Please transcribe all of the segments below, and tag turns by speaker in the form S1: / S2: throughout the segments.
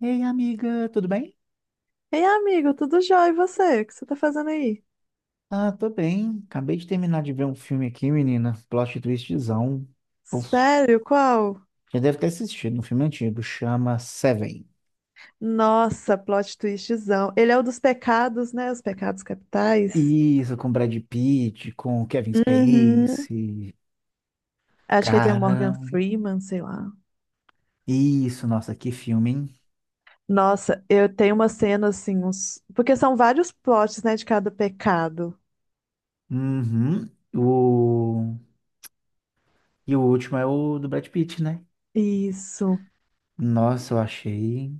S1: Ei, amiga, tudo bem?
S2: Ei, amigo, tudo jóia? E você? O que você tá fazendo aí?
S1: Ah, tô bem. Acabei de terminar de ver um filme aqui, menina. Plot twistzão. Puf,
S2: Sério? Qual?
S1: já deve ter assistido, um filme antigo, chama Seven.
S2: Nossa, plot twistzão. Ele é o dos pecados, né? Os pecados capitais.
S1: Isso, com Brad Pitt, com Kevin
S2: Uhum.
S1: Spacey.
S2: Acho que ele tem o Morgan
S1: Cara,
S2: Freeman, sei lá.
S1: isso, nossa, que filme, hein?
S2: Nossa, eu tenho uma cena assim, uns... porque são vários plots, né, de cada pecado.
S1: Uhum. O... E o último é o do Brad Pitt, né?
S2: Isso.
S1: Nossa, eu achei.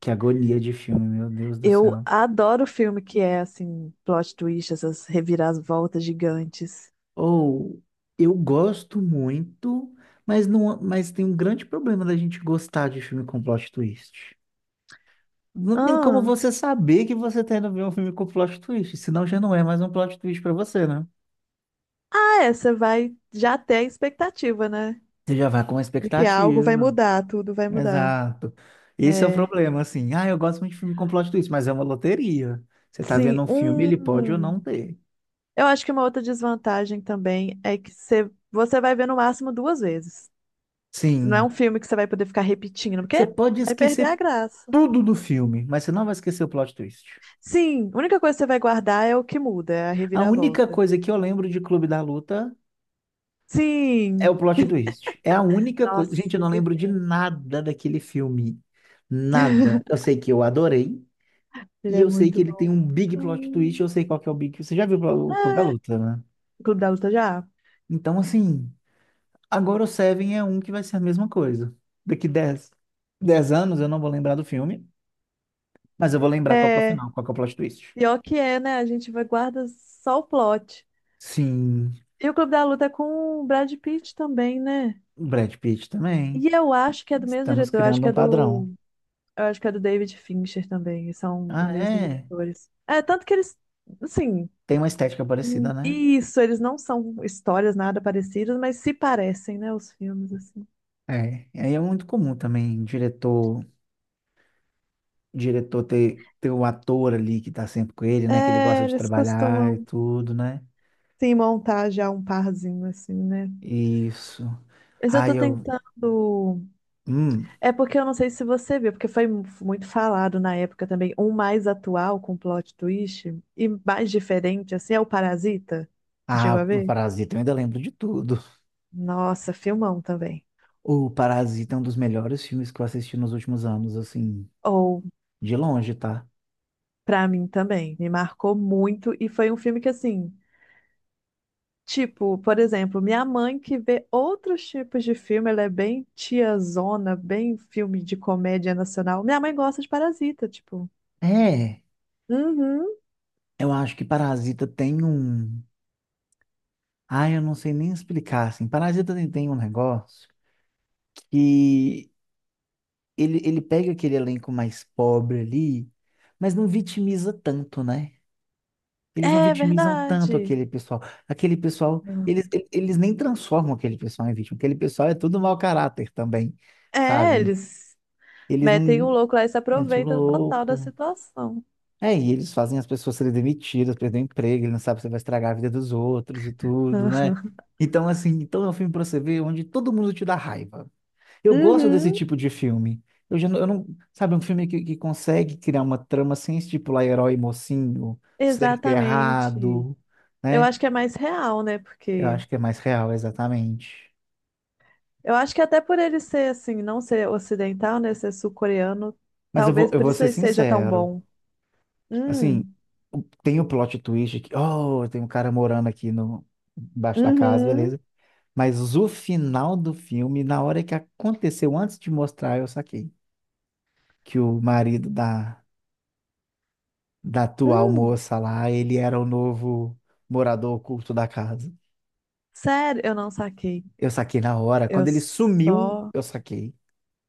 S1: Que agonia de filme, meu Deus do
S2: Eu
S1: céu.
S2: adoro filme que é assim, plot twist, essas reviravoltas gigantes.
S1: Ou eu gosto muito, mas não, mas tem um grande problema da gente gostar de filme com plot twist. Não tem como
S2: Ah,
S1: você saber que você tá indo ver um filme com plot twist, senão já não é mais um plot twist pra você, né?
S2: ah, é, você vai já ter a expectativa, né?
S1: Você já vai com uma
S2: De que algo vai
S1: expectativa.
S2: mudar, tudo vai mudar.
S1: Exato. Esse é o
S2: É.
S1: problema, assim. Ah, eu gosto muito de filme com plot twist, mas é uma loteria. Você tá
S2: Sim,
S1: vendo um filme, ele pode ou
S2: um.
S1: não ter.
S2: Eu acho que uma outra desvantagem também é que você vai ver no máximo duas vezes. Não é um
S1: Sim.
S2: filme que você vai poder ficar repetindo,
S1: Você
S2: porque
S1: pode
S2: vai perder
S1: esquecer
S2: a graça.
S1: tudo do filme, mas você não vai esquecer o plot twist.
S2: Sim, a única coisa que você vai guardar é o que muda, é a
S1: A única
S2: reviravolta.
S1: coisa que eu lembro de Clube da Luta é o
S2: Sim!
S1: plot twist. É a única coisa. Gente, eu
S2: Nossa,
S1: não
S2: que
S1: lembro de
S2: filme.
S1: nada daquele filme. Nada. Eu sei que eu adorei.
S2: Ele
S1: E
S2: é
S1: eu sei que
S2: muito
S1: ele tem
S2: bom.
S1: um big plot twist.
S2: Hum.
S1: Eu sei qual que é o big. Você já viu o Clube da Luta, né?
S2: Clube da Luta já?
S1: Então, assim. Agora o Seven é um que vai ser a mesma coisa. Daqui 10 anos eu não vou lembrar do filme. Mas eu vou lembrar qual que é o
S2: É.
S1: final, qual que é o plot twist.
S2: Pior que é, né? A gente vai guarda só o plot.
S1: Sim.
S2: E o Clube da Luta é com o Brad Pitt também, né?
S1: O Brad Pitt também.
S2: E eu acho que é do mesmo
S1: Estamos
S2: diretor, eu acho
S1: criando
S2: que
S1: um
S2: é do,
S1: padrão.
S2: eu acho que é do David Fincher também, e são do
S1: Ah,
S2: mesmo
S1: é.
S2: diretores. É, tanto que eles, assim,
S1: Tem uma estética parecida, né?
S2: isso, eles não são histórias nada parecidas, mas se parecem, né, os filmes, assim.
S1: É, e aí é muito comum também diretor ter o ator ali que tá sempre com ele, né? Que ele
S2: É,
S1: gosta de
S2: eles
S1: trabalhar e
S2: costumam,
S1: tudo, né?
S2: sim, montar já um parzinho, assim, né?
S1: Isso.
S2: Mas eu tô
S1: Ai, eu.
S2: tentando.
S1: Hum.
S2: É porque eu não sei se você viu, porque foi muito falado na época também, um mais atual com plot twist e mais diferente, assim, é o Parasita. Você chegou
S1: Ah,
S2: a
S1: no
S2: ver?
S1: Parasita eu ainda lembro de tudo.
S2: Nossa, filmão também.
S1: O Parasita é um dos melhores filmes que eu assisti nos últimos anos, assim,
S2: Ou,
S1: de longe, tá?
S2: pra mim também, me marcou muito e foi um filme que, assim, tipo, por exemplo, minha mãe que vê outros tipos de filme, ela é bem tiazona, bem filme de comédia nacional. Minha mãe gosta de Parasita, tipo.
S1: É,
S2: Uhum,
S1: eu acho que Parasita tem um. Ai, eu não sei nem explicar, assim. Parasita tem um negócio. Que ele pega aquele elenco mais pobre ali, mas não vitimiza tanto, né? Eles não
S2: é
S1: vitimizam tanto
S2: verdade.
S1: aquele pessoal. Aquele pessoal, eles nem transformam aquele pessoal em vítima. Aquele pessoal é tudo mau caráter também,
S2: É,
S1: sabe?
S2: eles.
S1: Eles
S2: Metem o
S1: não
S2: louco lá e se
S1: metem o
S2: aproveitam total da
S1: louco.
S2: situação.
S1: É, e eles fazem as pessoas serem demitidas, perder o emprego, ele não sabe se vai estragar a vida dos outros e tudo, né? Então, assim, então é um filme pra você ver onde todo mundo te dá raiva. Eu gosto desse
S2: Uhum,
S1: tipo de filme. Eu já não, eu não- sabe, um filme que consegue criar uma trama sem estipular herói e mocinho, certo e
S2: exatamente.
S1: errado,
S2: Eu
S1: né?
S2: acho que é mais real, né?
S1: Eu
S2: Porque
S1: acho que é mais real, exatamente.
S2: eu acho que até por ele ser assim, não ser ocidental, né? Ser sul-coreano,
S1: Mas
S2: talvez
S1: eu
S2: por
S1: vou
S2: isso
S1: ser
S2: ele seja tão
S1: sincero.
S2: bom.
S1: Assim,
S2: Hum,
S1: o- tem o plot twist que, oh, tem um cara morando aqui no embaixo da casa,
S2: uhum,
S1: beleza? Mas o final do filme, na hora que aconteceu, antes de mostrar, eu saquei que o marido da atual
S2: hum.
S1: moça lá, ele era o novo morador oculto da casa.
S2: Sério, eu não saquei.
S1: Eu saquei na hora.
S2: Eu
S1: Quando ele sumiu,
S2: só.
S1: eu saquei.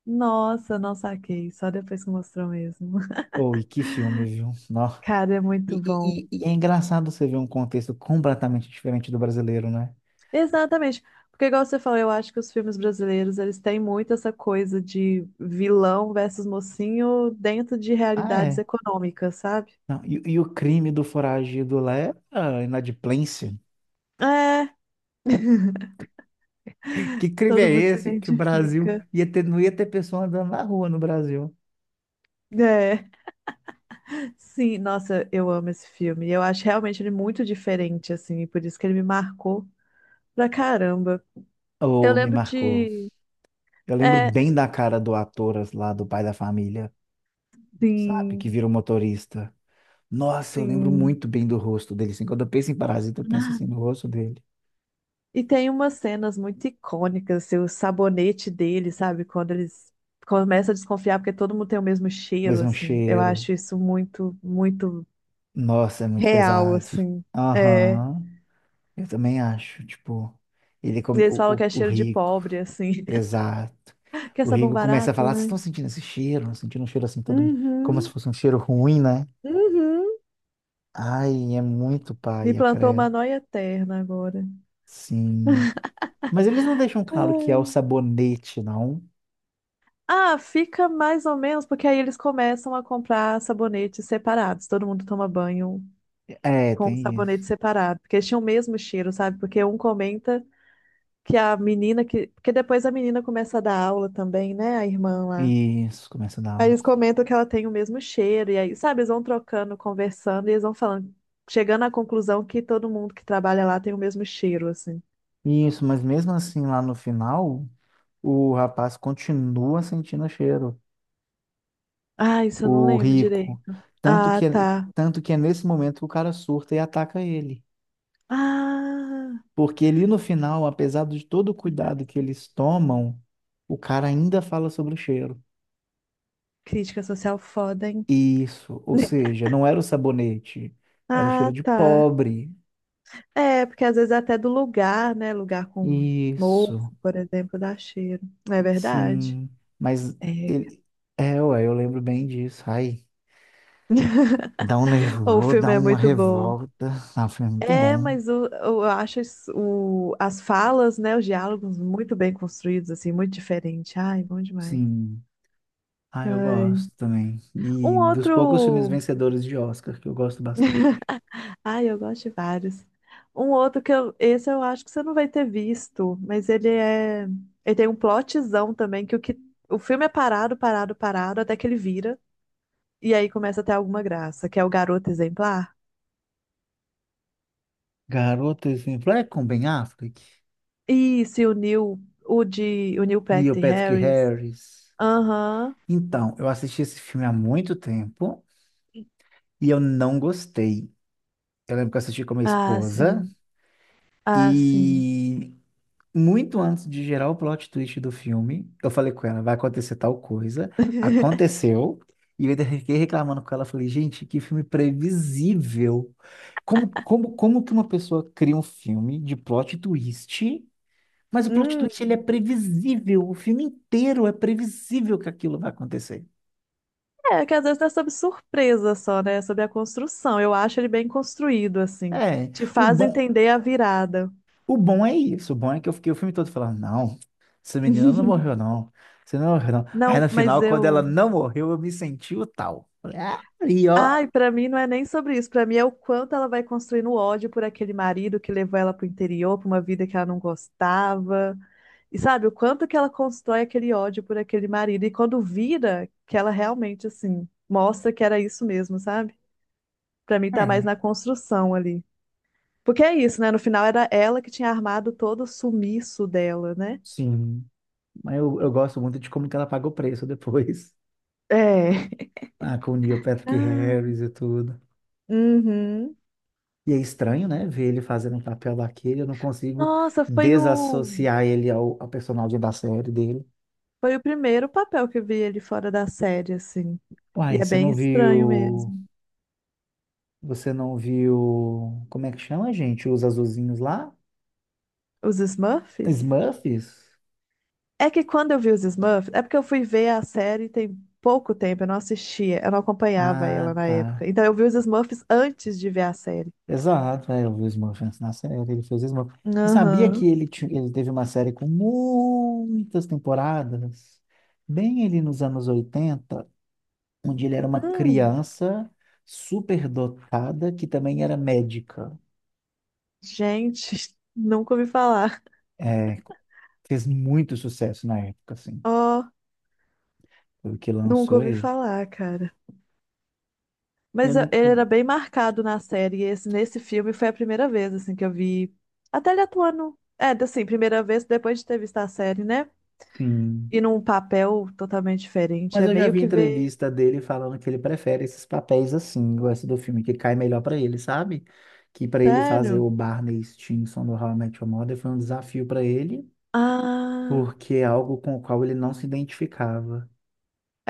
S2: Nossa, não saquei. Só depois que mostrou mesmo.
S1: Oh, e que filme, viu? Nó.
S2: Cara, é
S1: E,
S2: muito bom.
S1: e- e- e é engraçado você ver um contexto completamente diferente do brasileiro, né?
S2: Exatamente. Porque, igual você falou, eu acho que os filmes brasileiros, eles têm muito essa coisa de vilão versus mocinho dentro de
S1: Ah,
S2: realidades
S1: é.
S2: econômicas, sabe?
S1: Não, e o crime do foragido lá é ah, inadimplência.
S2: É,
S1: Que crime é
S2: todo mundo se
S1: esse que o Brasil
S2: identifica.
S1: ia ter, não ia ter pessoa andando na rua no Brasil?
S2: É, sim, nossa, eu amo esse filme. Eu acho realmente ele muito diferente, assim, e por isso que ele me marcou pra caramba. Eu
S1: Oh, me
S2: lembro
S1: marcou.
S2: de.
S1: Eu lembro
S2: É,
S1: bem da cara do ator lá do pai da família, sabe? Que
S2: sim,
S1: vira o motorista. Nossa, eu lembro
S2: sim.
S1: muito bem do rosto dele, assim. Quando eu penso em parasita, eu penso assim no rosto dele.
S2: E tem umas cenas muito icônicas, assim, o sabonete dele, sabe? Quando eles começam a desconfiar porque todo mundo tem o mesmo cheiro,
S1: Mesmo
S2: assim. Eu
S1: cheiro.
S2: acho isso muito
S1: Nossa, é muito
S2: real,
S1: pesado.
S2: assim. É. E
S1: Aham. Eu também acho, tipo, ele come
S2: eles falam que é
S1: o
S2: cheiro de
S1: Rico.
S2: pobre, assim.
S1: Exato.
S2: Que é
S1: O
S2: sabão
S1: Rico começa a
S2: barato,
S1: falar, vocês
S2: né?
S1: estão sentindo esse cheiro? Sentindo um cheiro assim todo, como se
S2: Uhum,
S1: fosse um cheiro ruim, né?
S2: uhum.
S1: Ai, é muito
S2: Me
S1: paia,
S2: plantou uma
S1: credo.
S2: nóia eterna agora.
S1: Sim. Mas eles não deixam claro que é o sabonete, não.
S2: Ah, fica mais ou menos, porque aí eles começam a comprar sabonetes separados. Todo mundo toma banho
S1: É,
S2: com o
S1: tem isso.
S2: sabonete separado, porque eles tinham o mesmo cheiro, sabe? Porque um comenta que a menina que. Porque depois a menina começa a dar aula também, né? A irmã lá.
S1: Isso, começa a dar.
S2: Aí
S1: Um
S2: eles comentam que ela tem o mesmo cheiro, e aí, sabe, eles vão trocando, conversando, e eles vão falando, chegando à conclusão que todo mundo que trabalha lá tem o mesmo cheiro, assim.
S1: isso, mas mesmo assim, lá no final, o rapaz continua sentindo cheiro,
S2: Ah, isso eu não
S1: o
S2: lembro
S1: rico.
S2: direito.
S1: Tanto
S2: Ah,
S1: que, é-
S2: tá.
S1: tanto que é nesse momento que o cara surta e ataca ele.
S2: Ah,
S1: Porque ali no final, apesar de todo o cuidado que eles tomam, o cara ainda fala sobre o cheiro.
S2: crítica social foda, hein?
S1: Isso, ou seja, não era o sabonete, era o
S2: Ah,
S1: cheiro de
S2: tá.
S1: pobre.
S2: É, porque às vezes é até do lugar, né? Lugar com mofo,
S1: Isso,
S2: por exemplo, dá cheiro. Não é verdade?
S1: sim. Mas
S2: É.
S1: ele... É, ué, eu lembro bem disso. Ai. Dá um
S2: O
S1: nervoso, dá
S2: filme é
S1: uma
S2: muito bom.
S1: revolta. Ah, foi muito
S2: É,
S1: bom.
S2: mas o- eu acho isso- o, as falas, né? Os diálogos muito bem construídos, assim, muito diferente. Ai, bom demais.
S1: Sim. Ah, eu
S2: Ai.
S1: gosto também.
S2: Um
S1: E dos poucos filmes
S2: outro.
S1: vencedores de Oscar, que eu gosto bastante.
S2: Ai, eu gosto de vários. Um outro que eu, esse eu acho que você não vai ter visto, mas ele é, ele tem um plotzão também que o filme é parado, parado, parado até que ele vira e aí começa a ter alguma graça, que é o Garoto Exemplar.
S1: Garota Exemplar é com Ben Affleck,
S2: Isso, e o Neil, o de, o Neil
S1: Neil
S2: Patrick
S1: Patrick
S2: Harris.
S1: Harris.
S2: Aham.
S1: Então, eu assisti esse filme há muito tempo e eu não gostei. Eu lembro que eu assisti com a minha
S2: Ah,
S1: esposa
S2: sim. Ah, sim.
S1: e muito antes de gerar o plot twist do filme, eu falei com ela, vai acontecer tal coisa. Aconteceu. E eu ainda fiquei reclamando com ela. Falei, gente, que filme previsível. Como que uma pessoa cria um filme de plot twist, mas o plot
S2: Hum.
S1: twist ele é previsível. O filme inteiro é previsível que aquilo vai acontecer.
S2: É, que às vezes não é sobre surpresa só, né? É sobre a construção. Eu acho ele bem construído, assim.
S1: É,
S2: Te
S1: o
S2: faz
S1: bom,
S2: entender a virada.
S1: O bom é isso. O bom é que eu fiquei o filme todo falando, não, essa menina não morreu, não. Você não morreu, não. Aí
S2: Não,
S1: no
S2: mas
S1: final, quando ela
S2: eu.
S1: não morreu, eu me senti o tal. Falei, ah, e ó.
S2: Ai, pra mim não é nem sobre isso. Pra mim é o quanto ela vai construindo ódio por aquele marido que levou ela pro interior, pra uma vida que ela não gostava. E sabe, o quanto que ela constrói aquele ódio por aquele marido. E quando vira, que ela realmente, assim, mostra que era isso mesmo, sabe? Pra mim tá mais
S1: É,
S2: na construção ali. Porque é isso, né? No final era ela que tinha armado todo o sumiço dela, né?
S1: sim. Mas eu gosto muito de como que ela paga o preço depois.
S2: É.
S1: Ah, com o Neil Patrick
S2: Ah,
S1: Harris e tudo.
S2: uhum.
S1: E é estranho, né? Ver ele fazendo um papel daquele. Eu não consigo
S2: Nossa, foi o.
S1: desassociar ele ao personagem da série dele.
S2: Foi o primeiro papel que eu vi ele fora da série, assim. E
S1: Uai,
S2: é
S1: você
S2: bem
S1: não
S2: estranho
S1: viu.
S2: mesmo.
S1: Você não viu. Como é que chama, gente? Os azulzinhos lá?
S2: Os Smurfs?
S1: Smurfs?
S2: É que quando eu vi os Smurfs, é porque eu fui ver a série tem pouco tempo, eu não assistia, eu não acompanhava
S1: Ah,
S2: ela na
S1: tá.
S2: época. Então eu vi os Smurfs antes de ver a série.
S1: Exato, é, eu vi o Smurf antes na série, ele fez Smurf. Você sabia que
S2: Aham.
S1: ele teve uma série com muitas temporadas? Bem ali nos anos 80, onde ele era uma
S2: Hum,
S1: criança superdotada que também era médica.
S2: gente, nunca ouvi falar.
S1: É, fez muito sucesso na época, assim,
S2: Ó,
S1: foi o que
S2: nunca
S1: lançou
S2: ouvi
S1: ele.
S2: falar, cara.
S1: Eu
S2: Mas eu- ele era
S1: nunca.
S2: bem marcado na série, e esse, nesse filme foi a primeira vez, assim, que eu vi. Até ele atuando. É, assim, primeira vez depois de ter visto a série, né?
S1: Sim.
S2: E num papel totalmente diferente.
S1: Mas
S2: É
S1: eu já
S2: meio
S1: vi
S2: que ver.
S1: entrevista dele falando que ele prefere esses papéis assim, gosta do filme que cai melhor pra ele, sabe? Que pra ele fazer o
S2: Sério?
S1: Barney Stinson do How I Met Your Mother foi um desafio pra ele,
S2: Ah,
S1: porque é algo com o qual ele não se identificava.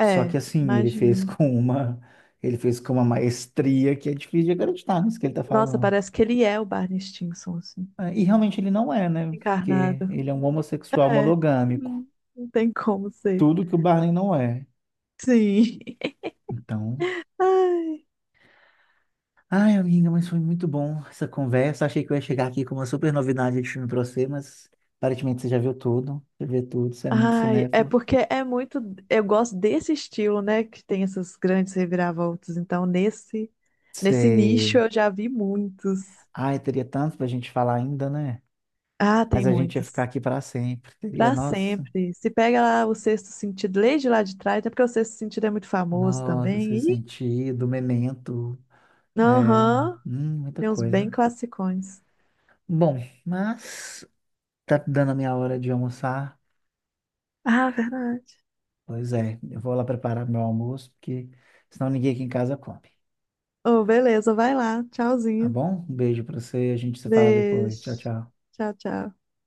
S1: Só que assim, ele fez
S2: imagino.
S1: com uma, ele fez com uma maestria que é difícil de acreditar nisso que ele tá
S2: Nossa,
S1: falando.
S2: parece que ele é o Barney Stinson, assim,
S1: É, e realmente ele não é, né? Porque
S2: encarnado.
S1: ele é um homossexual
S2: É,
S1: monogâmico,
S2: não não tem como ser.
S1: tudo que o Barney não é.
S2: Sim.
S1: Então,
S2: Ai.
S1: ai, amiga, mas foi muito bom essa conversa. Achei que eu ia chegar aqui com uma super novidade de filme pra você, mas aparentemente você já viu tudo. Você vê tudo, você é muito
S2: Ai, é
S1: cinéfilo.
S2: porque é muito. Eu gosto desse estilo, né? Que tem essas grandes reviravoltas. Então, nesse, nesse nicho
S1: Sei.
S2: eu já vi muitos.
S1: Ai, teria tanto pra gente falar ainda, né?
S2: Ah,
S1: Mas
S2: tem
S1: a gente ia ficar
S2: muitos.
S1: aqui pra sempre. Teria,
S2: Pra
S1: nossa,
S2: sempre. Se pega lá o Sexto Sentido, lê de lá de trás, até porque o Sexto Sentido é muito famoso
S1: nossa, seu
S2: também. E,
S1: sentido, memento, é,
S2: aham,
S1: muita
S2: tem uns bem
S1: coisa.
S2: classicões.
S1: Bom, mas tá dando a minha hora de almoçar.
S2: Ah, verdade.
S1: Pois é, eu vou lá preparar meu almoço, porque senão ninguém aqui em casa come.
S2: Oh, beleza, vai lá.
S1: Tá
S2: Tchauzinho.
S1: bom? Um beijo pra você, a gente se fala depois. Tchau,
S2: Beijo.
S1: tchau.
S2: Tchau, tchau.